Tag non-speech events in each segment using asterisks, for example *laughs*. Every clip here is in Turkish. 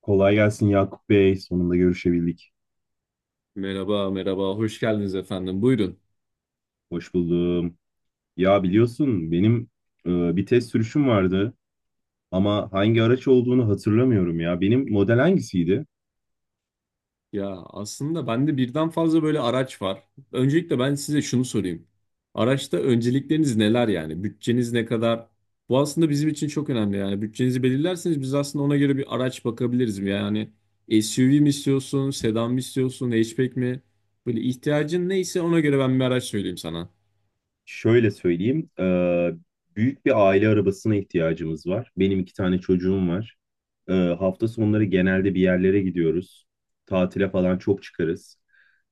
Kolay gelsin Yakup Bey. Sonunda görüşebildik. Merhaba, merhaba. Hoş geldiniz efendim. Buyurun. Hoş buldum. Ya biliyorsun benim e, bir test sürüşüm vardı ama hangi araç olduğunu hatırlamıyorum ya. Benim model hangisiydi? Ya aslında bende birden fazla böyle araç var. Öncelikle ben size şunu sorayım. Araçta öncelikleriniz neler yani? Bütçeniz ne kadar? Bu aslında bizim için çok önemli yani. Bütçenizi belirlerseniz biz aslında ona göre bir araç bakabiliriz. Yani SUV mi istiyorsun, sedan mı istiyorsun, hatchback mi? Böyle ihtiyacın neyse ona göre ben bir araç söyleyeyim sana. Şöyle söyleyeyim. Büyük bir aile arabasına ihtiyacımız var. Benim iki tane çocuğum var. Hafta Hı sonları hı. genelde bir yerlere gidiyoruz. Tatile falan çok çıkarız.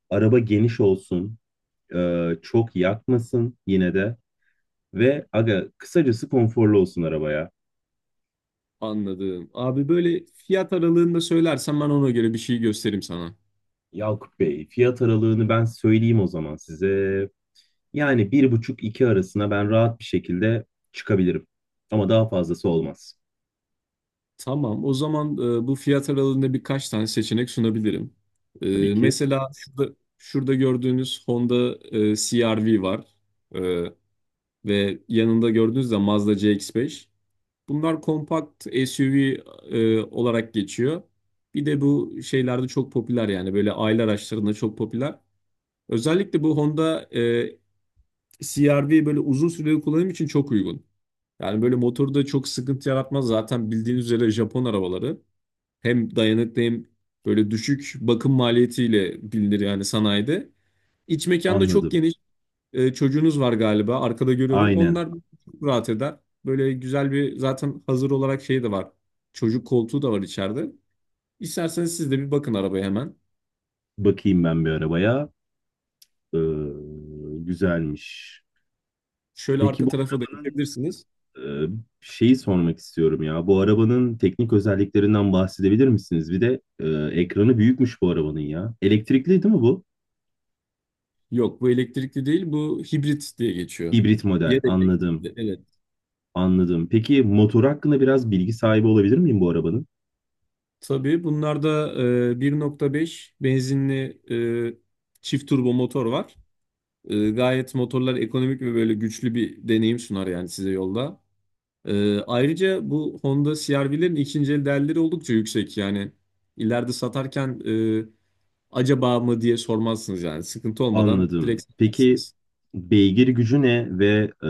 Araba geniş olsun. Çok yakmasın yine de. Ve aga kısacası konforlu olsun arabaya. Anladım. Abi böyle fiyat aralığında söylersen ben ona göre bir şey göstereyim sana. Yakup Bey, fiyat aralığını ben söyleyeyim o zaman size. Yani bir buçuk iki arasına ben rahat bir şekilde çıkabilirim. Ama daha fazlası olmaz. Tamam, o zaman bu fiyat aralığında birkaç tane seçenek sunabilirim. Tabii ki. Mesela şurada gördüğünüz Honda CR-V var. E, Ve yanında gördüğünüz de Mazda CX-5. Bunlar kompakt SUV olarak geçiyor. Bir de bu şeylerde çok popüler yani böyle aile araçlarında çok popüler. Özellikle bu Honda CR-V böyle uzun süreli kullanım için çok uygun. Yani böyle motorda çok sıkıntı yaratmaz, zaten bildiğiniz üzere Japon arabaları. Hem dayanıklı hem böyle düşük bakım maliyetiyle bilinir yani sanayide. İç mekanda çok Anladım. geniş. Çocuğunuz var galiba. Arkada görüyorum. Aynen. Onlar çok rahat eder. Böyle güzel bir zaten hazır olarak şey de var. Çocuk koltuğu da var içeride. İsterseniz siz de bir bakın arabaya hemen. Bakayım ben bir arabaya. Ee, Güzelmiş. Şöyle Peki arka bu tarafa da arabanın geçebilirsiniz. e, şeyi sormak istiyorum ya. Bu arabanın teknik özelliklerinden bahsedebilir misiniz? Bir de ekranı büyükmüş bu arabanın ya. Elektrikli değil mi bu? Yok, bu elektrikli değil, bu hibrit diye geçiyor. Hibrit model. Ya da Anladım. elektrikli, evet. Anladım. Peki motor hakkında biraz bilgi sahibi olabilir miyim bu arabanın? Tabii bunlarda 1.5 benzinli çift turbo motor var. Gayet motorlar ekonomik ve böyle güçlü bir deneyim sunar yani size yolda. Ayrıca bu Honda CR-V'lerin ikinci el değerleri oldukça yüksek. Yani ileride satarken e, acaba mı diye sormazsınız yani. Sıkıntı olmadan direkt Anladım. Peki satarsınız. beygir gücü ne ve e,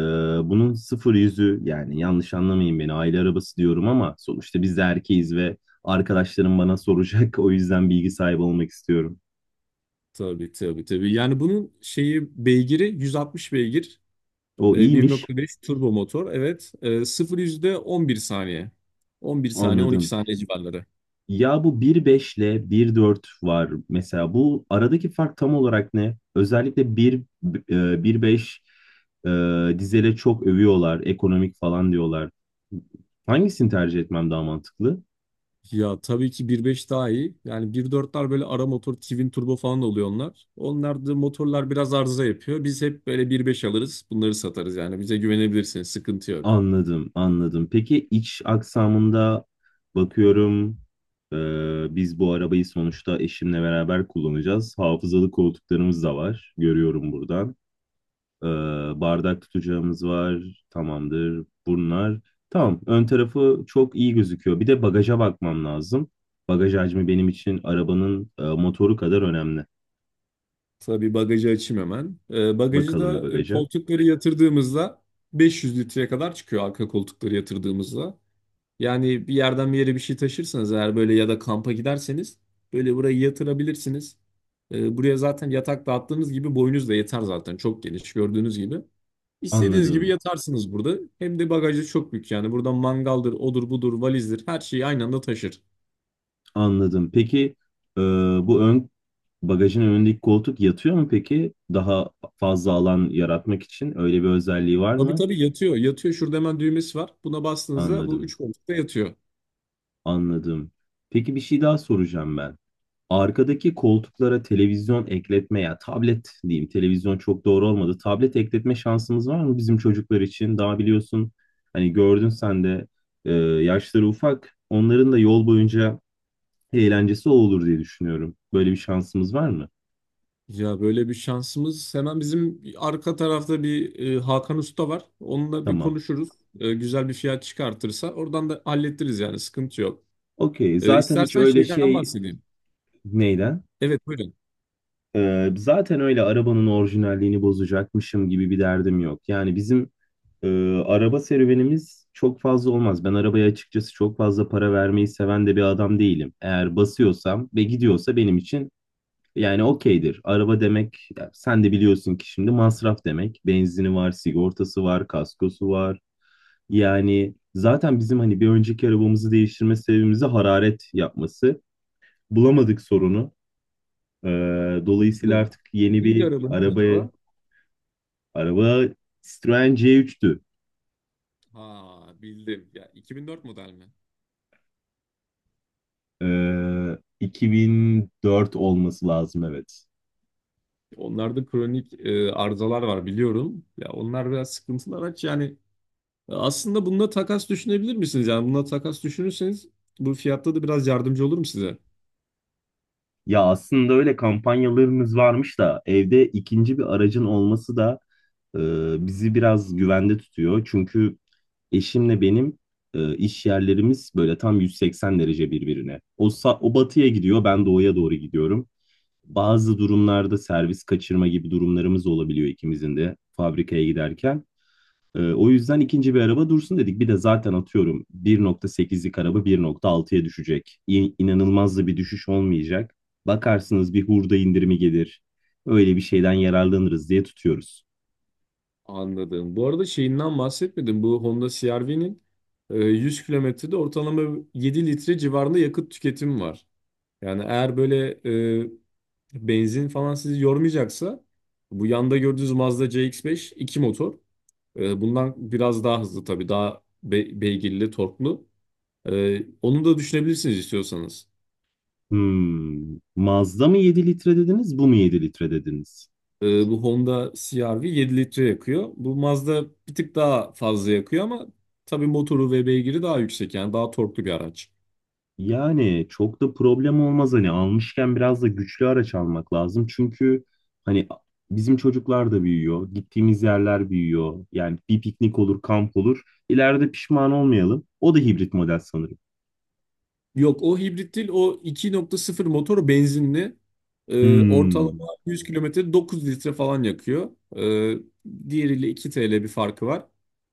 bunun sıfır yüzü yani yanlış anlamayın beni aile arabası diyorum ama sonuçta biz de erkeğiz ve arkadaşlarım bana soracak *laughs* o yüzden bilgi sahibi olmak istiyorum. Tabii tabii tabii. Yani bunun şeyi beygiri 160 beygir. O iyiymiş. 1.5 turbo motor. Evet. 0 yüzde 11 saniye. 11 saniye, 12 Anladım. saniye civarları. Ya bu 1.5 ile bir dört var mesela. Bu aradaki fark tam olarak ne? Özellikle bir bir beş dizele çok övüyorlar, ekonomik falan diyorlar. Hangisini tercih etmem daha mantıklı? Ya tabii ki bir nokta beş daha iyi. Yani bir nokta dörtler böyle ara motor, twin turbo falan oluyor onlar. Onlar da motorlar biraz arıza yapıyor. Biz hep böyle bir nokta beş alırız, bunları satarız yani. Bize güvenebilirsiniz, sıkıntı yok. Anladım. Peki iç aksamında bakıyorum biz bu arabayı sonuçta eşimle beraber kullanacağız. Hafızalı koltuklarımız da var. Görüyorum buradan. Ee, Bardak tutacağımız var. Tamamdır. Bunlar. Tamam. Ön tarafı çok iyi gözüküyor. Bir de bagaja bakmam lazım. Bagaj hacmi benim için arabanın motoru kadar önemli. Tabii bagajı açayım hemen. Bagajı Bakalım bir da bagaja. koltukları yatırdığımızda 500 litreye kadar çıkıyor arka koltukları yatırdığımızda. Yani bir yerden bir yere bir şey taşırsanız eğer, böyle ya da kampa giderseniz böyle burayı yatırabilirsiniz. Buraya zaten yatak dağıttığınız gibi boyunuz da yeter zaten, çok geniş gördüğünüz gibi. İstediğiniz gibi Anladım. yatarsınız burada. Hem de bagajı çok büyük yani. Buradan mangaldır, odur budur, valizdir, her şeyi aynı anda taşır. Anladım. Peki e, bu ön bagajın önündeki koltuk yatıyor mu peki? Daha fazla alan yaratmak için öyle bir özelliği var Tabii mı? tabii yatıyor. Yatıyor. Şurada hemen düğmesi var. Buna bastığınızda bu Anladım. üç koltukta yatıyor. Anladım. Peki bir şey daha soracağım ben. Arkadaki koltuklara televizyon ekletme ya tablet diyeyim, televizyon çok doğru olmadı. Tablet ekletme şansımız var mı bizim çocuklar için? Daha biliyorsun hani gördün sen de e, yaşları ufak onların da yol boyunca eğlencesi o olur diye düşünüyorum. Böyle bir şansımız var mı? Ya böyle bir şansımız. Hemen bizim arka tarafta bir Hakan Usta var. Onunla bir Tamam. konuşuruz. Güzel bir fiyat çıkartırsa oradan da hallettiririz yani, sıkıntı yok. Okey zaten hiç İstersen öyle şeyden şey bahsedeyim. neyden? Evet, buyurun. E, zaten öyle arabanın orijinalliğini bozacakmışım gibi bir derdim yok. Yani bizim araba serüvenimiz çok fazla olmaz. Ben arabaya açıkçası çok fazla para vermeyi seven de bir adam değilim. Eğer basıyorsam ve gidiyorsa benim için yani okeydir. Araba demek, ya sen de biliyorsun ki, şimdi masraf demek. Benzini var, sigortası var, kaskosu var. Yani zaten bizim hani bir önceki arabamızı değiştirme sebebimizi hararet yapması. Bulamadık sorunu. Ee, Dolayısıyla Anladım. artık yeni Neydi bir arabanız arabaya, acaba? araba Citroen C3'tü. Ha, bildim. Ya 2004 model mi? 2004 olması lazım, evet. Onlarda kronik arızalar var biliyorum. Ya onlar biraz sıkıntılı araç. Yani aslında bununla takas düşünebilir misiniz? Yani bununla takas düşünürseniz bu fiyatta da biraz yardımcı olurum size. Ya aslında öyle kampanyalarımız varmış da evde ikinci bir aracın olması da e, bizi biraz güvende tutuyor. Çünkü eşimle benim iş yerlerimiz böyle tam 180 derece birbirine. O batıya gidiyor, ben doğuya doğru gidiyorum. Bazı durumlarda servis kaçırma gibi durumlarımız olabiliyor ikimizin de fabrikaya giderken. O yüzden ikinci bir araba dursun dedik. Bir de zaten atıyorum 1.8'lik araba 1.6'ya düşecek. İnanılmaz da bir düşüş olmayacak. Bakarsınız bir hurda indirimi gelir. Öyle bir şeyden yararlanırız diye tutuyoruz. Anladım. Bu arada şeyinden bahsetmedim. Bu Honda CR-V'nin 100 kilometrede ortalama 7 litre civarında yakıt tüketimi var. Yani eğer böyle benzin falan sizi yormayacaksa bu yanda gördüğünüz Mazda CX-5 2 motor. Bundan biraz daha hızlı tabii. Daha beygirli, torklu. Onu da düşünebilirsiniz istiyorsanız. Hmm. Mazda mı 7 litre dediniz, bu mu 7 litre dediniz? Ee, Bu Honda CR-V 7 litre yakıyor. Bu Mazda bir tık daha fazla yakıyor ama tabii motoru ve beygiri daha yüksek yani daha torklu bir araç. Yani çok da problem olmaz, hani almışken biraz da güçlü araç almak lazım. Çünkü hani bizim çocuklar da büyüyor, gittiğimiz yerler büyüyor. Yani bir piknik olur, kamp olur. İleride pişman olmayalım. O da hibrit model sanırım. Yok, o hibrit değil, o 2.0 motor benzinli. Hmm. Ortalama 100 kilometre 9 litre falan yakıyor. Ee, Diğeriyle 2 TL bir farkı var.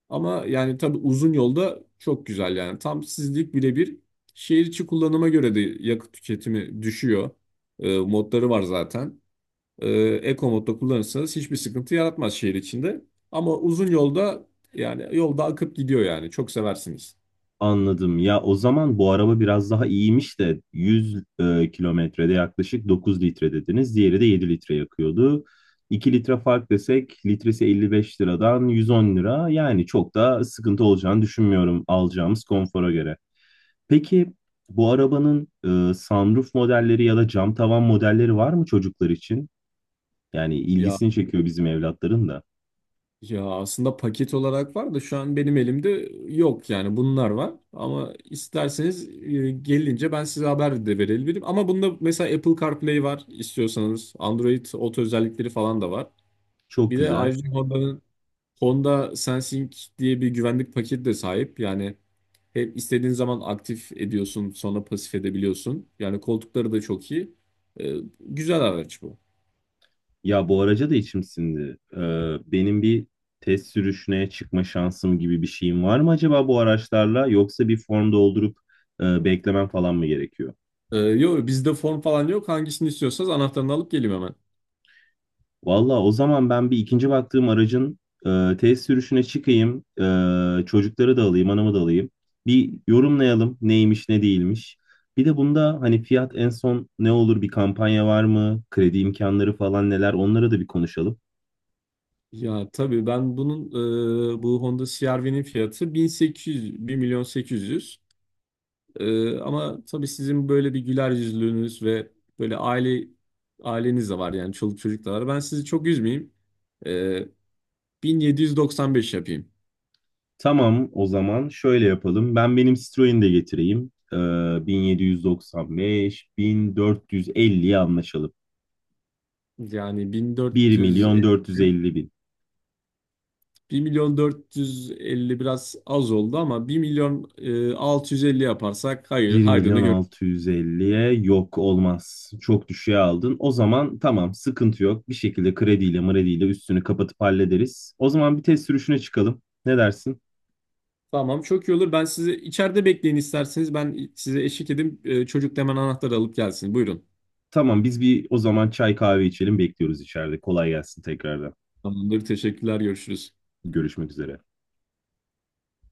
Ama yani tabii uzun yolda çok güzel yani tam sizlik birebir. Şehir içi kullanıma göre de yakıt tüketimi düşüyor. Modları var zaten. e, Eco modda kullanırsanız hiçbir sıkıntı yaratmaz şehir içinde. Ama uzun yolda yani yolda akıp gidiyor yani. Çok seversiniz. Anladım. Ya o zaman bu araba biraz daha iyiymiş de 100 kilometrede yaklaşık 9 litre dediniz. Diğeri de 7 litre yakıyordu. 2 litre fark desek litresi 55 liradan 110 lira. Yani çok da sıkıntı olacağını düşünmüyorum alacağımız konfora göre. Peki bu arabanın sunroof modelleri ya da cam tavan modelleri var mı çocuklar için? Yani Ya ilgisini çekiyor bizim evlatların da. Ya aslında paket olarak var da şu an benim elimde yok yani, bunlar var. Ama isterseniz gelince ben size haber de verebilirim. Ama bunda mesela Apple CarPlay var istiyorsanız. Android Auto özellikleri falan da var. Çok Bir de güzel. ayrıca Honda'nın Honda Sensing diye bir güvenlik paketi de sahip. Yani hep istediğin zaman aktif ediyorsun, sonra pasif edebiliyorsun. Yani koltukları da çok iyi. E, Güzel araç bu. Ya bu araca da içim sindi. Benim bir test sürüşüne çıkma şansım gibi bir şeyim var mı acaba bu araçlarla, yoksa bir form doldurup beklemem falan mı gerekiyor? Yok, bizde form falan yok. Hangisini istiyorsanız anahtarını alıp geleyim hemen. Valla o zaman ben bir ikinci baktığım aracın test sürüşüne çıkayım, çocukları da alayım, anamı da alayım. Bir yorumlayalım neymiş ne değilmiş. Bir de bunda hani fiyat en son ne olur, bir kampanya var mı? Kredi imkanları falan neler, onları da bir konuşalım. Ya tabii ben bunun bu Honda CR-V'nin fiyatı 1800, 1 milyon 800. Ama tabii sizin böyle bir güler yüzlülüğünüz ve böyle aileniz de var yani, çoluk çocuk da var. Ben sizi çok üzmeyeyim. E, 1795 yapayım. Tamam o zaman şöyle yapalım. Ben benim Citroen'i de getireyim. 1795 1450'ye anlaşalım. Yani 1 1400, milyon 450 bin. 1 milyon 450 biraz az oldu ama 1 milyon 650 yaparsak hayır 1 hayrını. milyon 650'ye yok olmaz. Çok düşüğe aldın. O zaman tamam, sıkıntı yok. Bir şekilde krediyle mrediyle üstünü kapatıp hallederiz. O zaman bir test sürüşüne çıkalım. Ne dersin? Tamam, çok iyi olur. Ben sizi içeride bekleyin isterseniz. Ben size eşlik edeyim. Çocuk da hemen anahtarı alıp gelsin. Buyurun. Tamam, biz bir o zaman çay kahve içelim, bekliyoruz içeride. Kolay gelsin tekrardan. Tamamdır. Teşekkürler. Görüşürüz. Görüşmek üzere.